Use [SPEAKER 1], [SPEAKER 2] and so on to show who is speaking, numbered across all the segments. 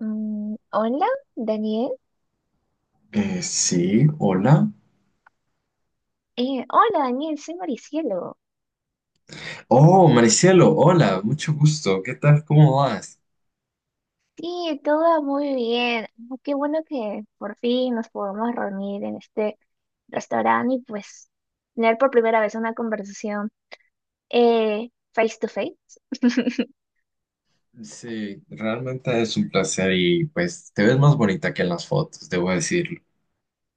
[SPEAKER 1] Hola, Daniel.
[SPEAKER 2] Sí, hola.
[SPEAKER 1] Hola, Daniel, soy Maricielo.
[SPEAKER 2] Oh, Maricielo, hola, mucho gusto. ¿Qué tal? ¿Cómo vas?
[SPEAKER 1] Sí, todo va muy bien. Ah, qué bueno que por fin nos podemos reunir en este restaurante y pues tener por primera vez una conversación face to face.
[SPEAKER 2] Sí, realmente es un placer y pues te ves más bonita que en las fotos, debo decirlo.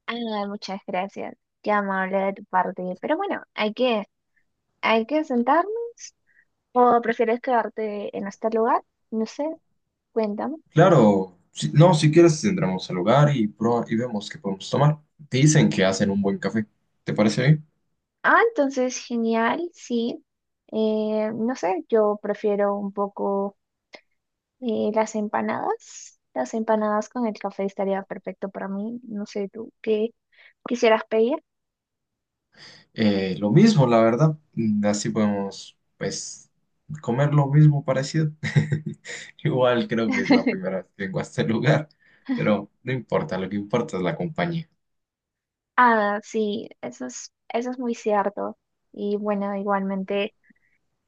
[SPEAKER 1] Ah, muchas gracias. Qué amable de tu parte. Pero bueno, hay que sentarnos. ¿O prefieres quedarte en este lugar? No sé, cuéntame.
[SPEAKER 2] Claro, no, si quieres entramos al lugar y, y vemos qué podemos tomar. Dicen que hacen un buen café. ¿Te parece bien?
[SPEAKER 1] Ah, entonces genial, sí. No sé, yo prefiero un poco las empanadas. Las empanadas con el café estaría perfecto para mí. No sé, tú, ¿qué quisieras pedir?
[SPEAKER 2] Lo mismo, la verdad. Así podemos, pues, comer lo mismo parecido. Igual creo que es la primera vez que vengo a este lugar, pero no importa, lo que importa es la compañía.
[SPEAKER 1] Ah, sí, eso es muy cierto. Y bueno, igualmente.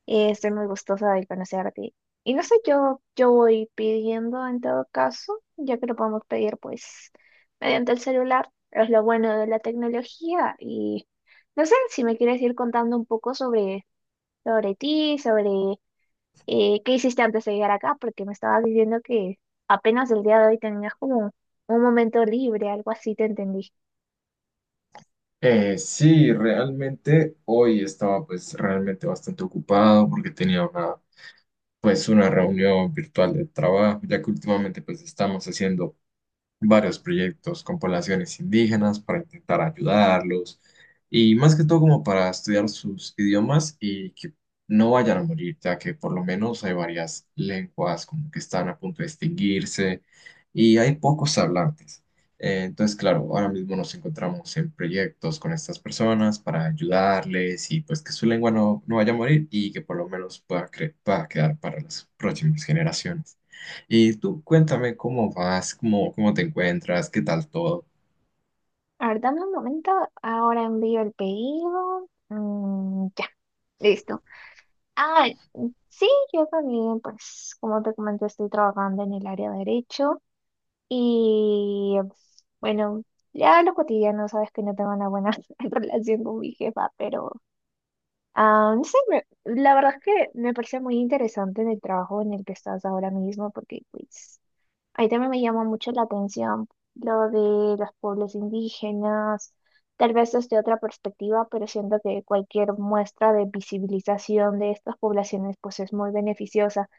[SPEAKER 1] Estoy muy gustosa de conocerte. Y no sé, yo voy pidiendo en todo caso, ya que lo podemos pedir pues mediante el celular. Es lo bueno de la tecnología. Y no sé si me quieres ir contando un poco sobre ti, sobre qué hiciste antes de llegar acá, porque me estabas diciendo que apenas el día de hoy tenías como un momento libre, algo así te entendí.
[SPEAKER 2] Sí, realmente hoy estaba pues realmente bastante ocupado porque tenía una pues una reunión virtual de trabajo, ya que últimamente pues estamos haciendo varios proyectos con poblaciones indígenas para intentar ayudarlos y más que todo como para estudiar sus idiomas y que no vayan a morir, ya que por lo menos hay varias lenguas como que están a punto de extinguirse y hay pocos hablantes. Entonces, claro, ahora mismo nos encontramos en proyectos con estas personas para ayudarles y pues que su lengua no, no vaya a morir y que por lo menos pueda, pueda quedar para las próximas generaciones. Y tú cuéntame cómo vas, cómo, cómo te encuentras, qué tal todo.
[SPEAKER 1] A ver, dame un momento, ahora envío el pedido. Ya, listo. Ah, sí, yo también, pues, como te comenté, estoy trabajando en el área de derecho y, bueno, ya lo cotidiano, sabes que no tengo una buena relación con mi jefa, pero, ah, no sé, la verdad es que me parece muy interesante en el trabajo en el que estás ahora mismo, porque, pues, ahí también me llama mucho la atención lo de los pueblos indígenas, tal vez desde otra perspectiva, pero siento que cualquier muestra de visibilización de estas poblaciones, pues, es muy beneficiosa.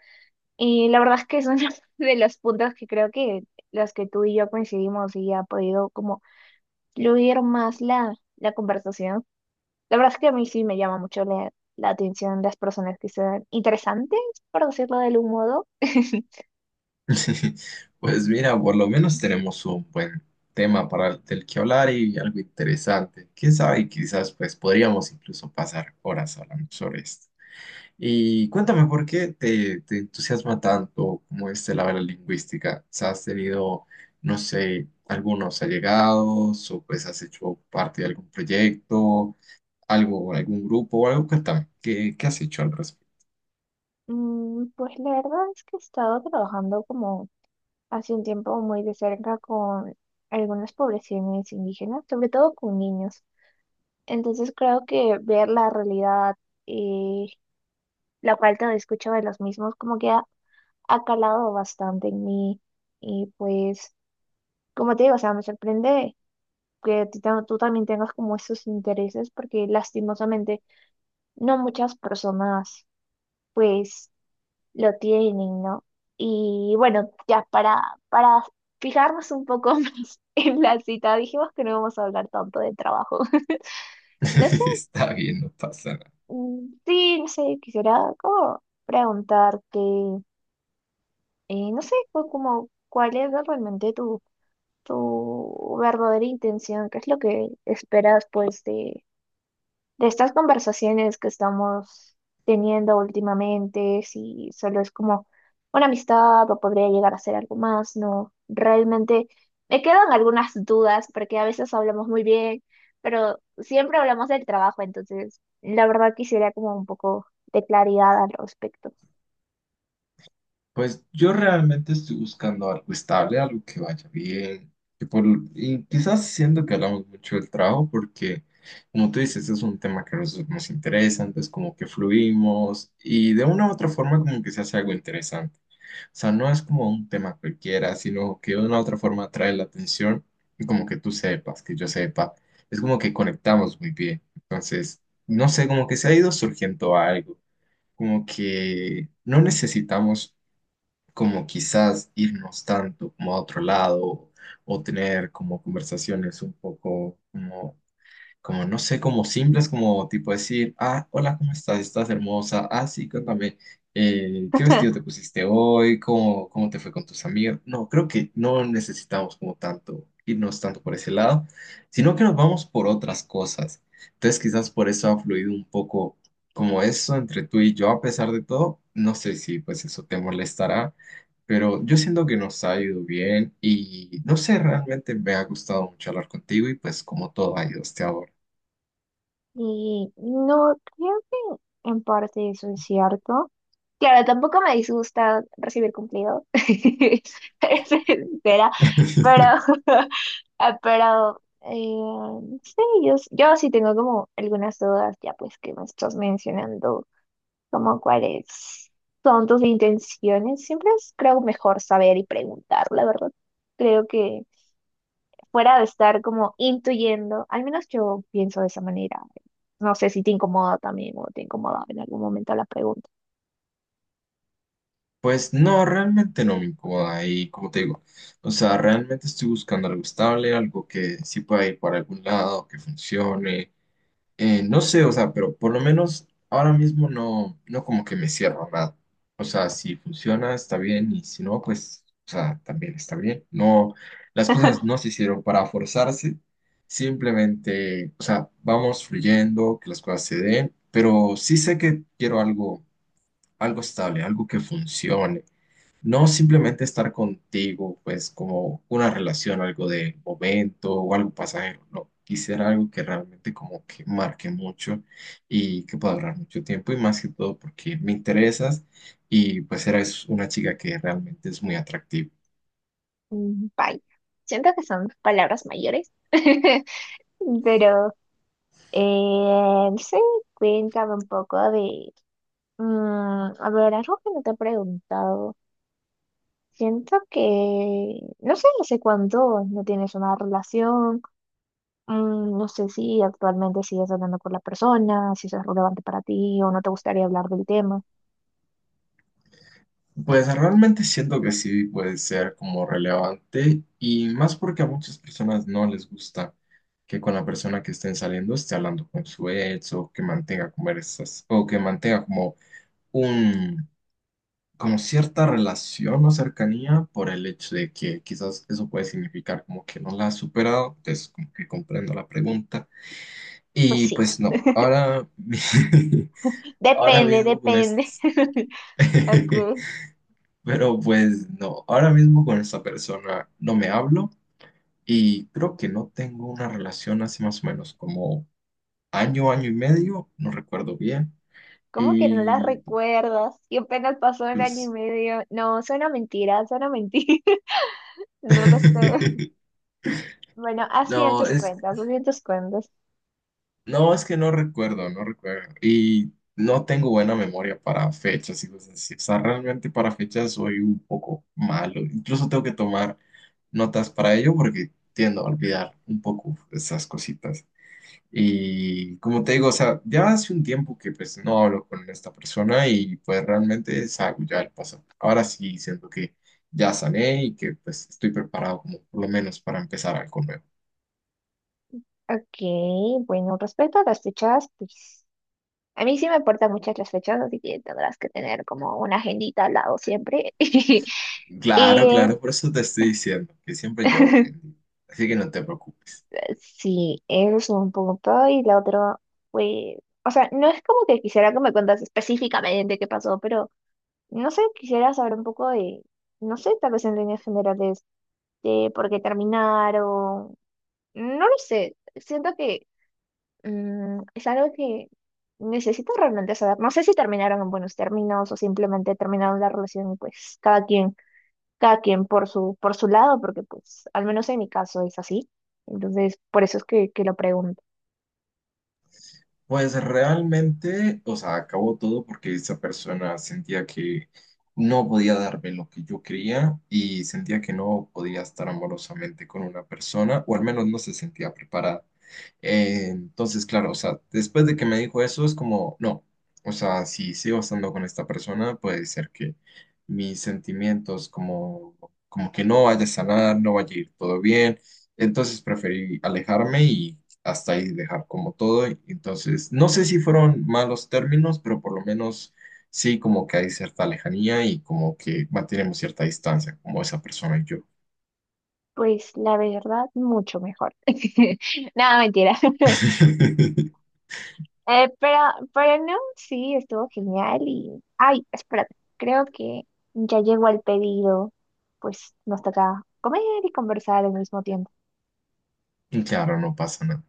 [SPEAKER 1] Y la verdad es que son de los puntos que creo que los que tú y yo coincidimos y ha podido como fluir más la conversación. La verdad es que a mí sí me llama mucho la atención las personas que sean interesantes, por decirlo de algún modo.
[SPEAKER 2] Pues mira, por lo menos tenemos un buen tema para del que hablar y algo interesante. Quién sabe, quizás pues podríamos incluso pasar horas hablando sobre esto. Y cuéntame por qué te, te entusiasma tanto como este la área lingüística. O sea, ¿has tenido, no sé, algunos allegados o pues has hecho parte de algún proyecto, algo, algún grupo o algo? Cuéntame, ¿qué, qué has hecho al respecto?
[SPEAKER 1] Pues la verdad es que he estado trabajando como hace un tiempo muy de cerca con algunas poblaciones indígenas, sobre todo con niños. Entonces creo que ver la realidad y la falta de escucha de los mismos como que ha calado bastante en mí y pues, como te digo, o sea, me sorprende que tú también tengas como esos intereses porque lastimosamente no muchas personas pues lo tienen, ¿no? Y bueno, ya para fijarnos un poco más en la cita, dijimos que no vamos a hablar tanto de trabajo. No sé,
[SPEAKER 2] Está bien, no pasa nada.
[SPEAKER 1] sí, no sé, quisiera como preguntarte, no sé, como cuál es realmente tu verdadera intención, qué es lo que esperas pues de estas conversaciones que estamos teniendo últimamente, si solo es como una amistad o podría llegar a ser algo más, no, realmente me quedan algunas dudas porque a veces hablamos muy bien, pero siempre hablamos del trabajo, entonces la verdad quisiera como un poco de claridad al respecto.
[SPEAKER 2] Pues yo realmente estoy buscando algo estable, algo que vaya bien. que por- y quizás siento que hablamos mucho del trabajo porque, como tú dices, es un tema que nos, nos interesa, entonces como que fluimos y de una u otra forma como que se hace algo interesante. O sea, no es como un tema cualquiera, sino que de una u otra forma atrae la atención y como que tú sepas, que yo sepa. Es como que conectamos muy bien. Entonces, no sé, como que se ha ido surgiendo algo. Como que no necesitamos como quizás irnos tanto como a otro lado o tener como conversaciones un poco como como no sé, como simples, como tipo decir, ah, hola, ¿cómo estás? ¿Estás hermosa? Ah, sí, cuéntame, ¿qué vestido te pusiste hoy? ¿Cómo, cómo te fue con tus amigos? No, creo que no necesitamos como tanto irnos tanto por ese lado, sino que nos vamos por otras cosas. Entonces quizás por eso ha fluido un poco como eso entre tú y yo, a pesar de todo, no sé si pues eso te molestará. Pero yo siento que nos ha ido bien y no sé, realmente me ha gustado mucho hablar contigo y pues como todo ha ido hasta ahora.
[SPEAKER 1] Y no, creo que en parte eso es cierto. Claro, tampoco me disgusta recibir cumplidos, es sincera, pero, ah, pero sí, yo sí tengo como algunas dudas ya pues que me estás mencionando, como cuáles son tus intenciones. Siempre es creo mejor saber y preguntar, la verdad. Creo que fuera de estar como intuyendo, al menos yo pienso de esa manera. No sé si te incomoda también o te incomoda en algún momento la pregunta.
[SPEAKER 2] Pues no, realmente no me incomoda y como te digo, o sea, realmente estoy buscando algo estable, algo que sí pueda ir para algún lado, que funcione, no sé, o sea, pero por lo menos ahora mismo no, no como que me cierro a nada, o sea, si funciona está bien y si no, pues, o sea, también está bien, no, las cosas no se hicieron para forzarse, simplemente, o sea, vamos fluyendo, que las cosas se den, pero sí sé que quiero algo algo estable, algo que funcione. No simplemente estar contigo, pues como una relación, algo de momento o algo pasajero. No, quisiera algo que realmente como que marque mucho y que pueda durar mucho tiempo y más que todo porque me interesas y pues eres una chica que realmente es muy atractiva.
[SPEAKER 1] Mm, bye. Siento que son palabras mayores, pero no sé, cuéntame un poco de, mm, a ver, algo que no te he preguntado. Siento que, no sé, no sé cuánto no tienes una relación. Mm, no sé si actualmente sigues andando con la persona, si eso es relevante para ti o no te gustaría hablar del tema.
[SPEAKER 2] Pues realmente siento que sí puede ser como relevante y más porque a muchas personas no les gusta que con la persona que estén saliendo esté hablando con su ex o que mantenga conversas o que mantenga como un como cierta relación o cercanía por el hecho de que quizás eso puede significar como que no la ha superado, entonces como que comprendo la pregunta
[SPEAKER 1] Pues
[SPEAKER 2] y
[SPEAKER 1] sí,
[SPEAKER 2] pues no, ahora ahora
[SPEAKER 1] depende,
[SPEAKER 2] mismo con
[SPEAKER 1] depende.
[SPEAKER 2] esto
[SPEAKER 1] Ok,
[SPEAKER 2] pero pues no, ahora mismo con esta persona no me hablo y creo que no tengo una relación hace más o menos como año, año y medio, no recuerdo bien.
[SPEAKER 1] ¿cómo que no las
[SPEAKER 2] Y
[SPEAKER 1] recuerdas? Y apenas pasó un año y
[SPEAKER 2] pues
[SPEAKER 1] medio. No, suena mentira, suena mentira. No lo sé. Bueno, haz bien
[SPEAKER 2] no,
[SPEAKER 1] tus
[SPEAKER 2] es,
[SPEAKER 1] cuentas, haz bien tus cuentas.
[SPEAKER 2] no, es que no recuerdo, no recuerdo. Y no tengo buena memoria para fechas y cosas así. O sea, realmente para fechas soy un poco malo. Incluso tengo que tomar notas para ello porque tiendo a olvidar un poco esas cositas. Y como te digo, o sea, ya hace un tiempo que pues no hablo con esta persona y pues realmente es algo ya del pasado. Ahora sí siento que ya sané y que pues estoy preparado como por lo menos para empezar algo nuevo.
[SPEAKER 1] Ok, bueno, respecto a las fechas, pues a mí sí me importan muchas las fechas, así que tendrás que tener como una agendita al lado siempre.
[SPEAKER 2] Claro,
[SPEAKER 1] Y
[SPEAKER 2] claro, por eso te estoy diciendo que siempre llevo gente. Así que no te preocupes.
[SPEAKER 1] sí, eso un punto y la otra fue, o sea, no es como que quisiera que me cuentas específicamente qué pasó, pero no sé, quisiera saber un poco de, no sé, tal vez en líneas generales, de por qué terminaron, no lo sé, siento que es algo que necesito realmente saber, no sé si terminaron en buenos términos o simplemente terminaron la relación, y, pues cada quien por por su lado, porque pues al menos en mi caso es así, entonces por eso es que lo pregunto.
[SPEAKER 2] Pues realmente, o sea, acabó todo porque esa persona sentía que no podía darme lo que yo quería y sentía que no podía estar amorosamente con una persona, o al menos no se sentía preparada. Entonces, claro, o sea, después de que me dijo eso, es como, no, o sea, si sigo estando con esta persona, puede ser que mis sentimientos como, como que no vaya a sanar, no vaya a ir todo bien. Entonces preferí alejarme y hasta ahí dejar como todo. Y entonces, no sé si fueron malos términos, pero por lo menos sí como que hay cierta lejanía y como que mantenemos cierta distancia, como esa persona y yo.
[SPEAKER 1] Pues la verdad, mucho mejor. Nada, mentira. Eh, pero, pero no, sí, estuvo genial y... Ay, espérate, creo que ya llegó el pedido, pues nos toca comer y conversar al mismo tiempo.
[SPEAKER 2] Claro, no pasa nada.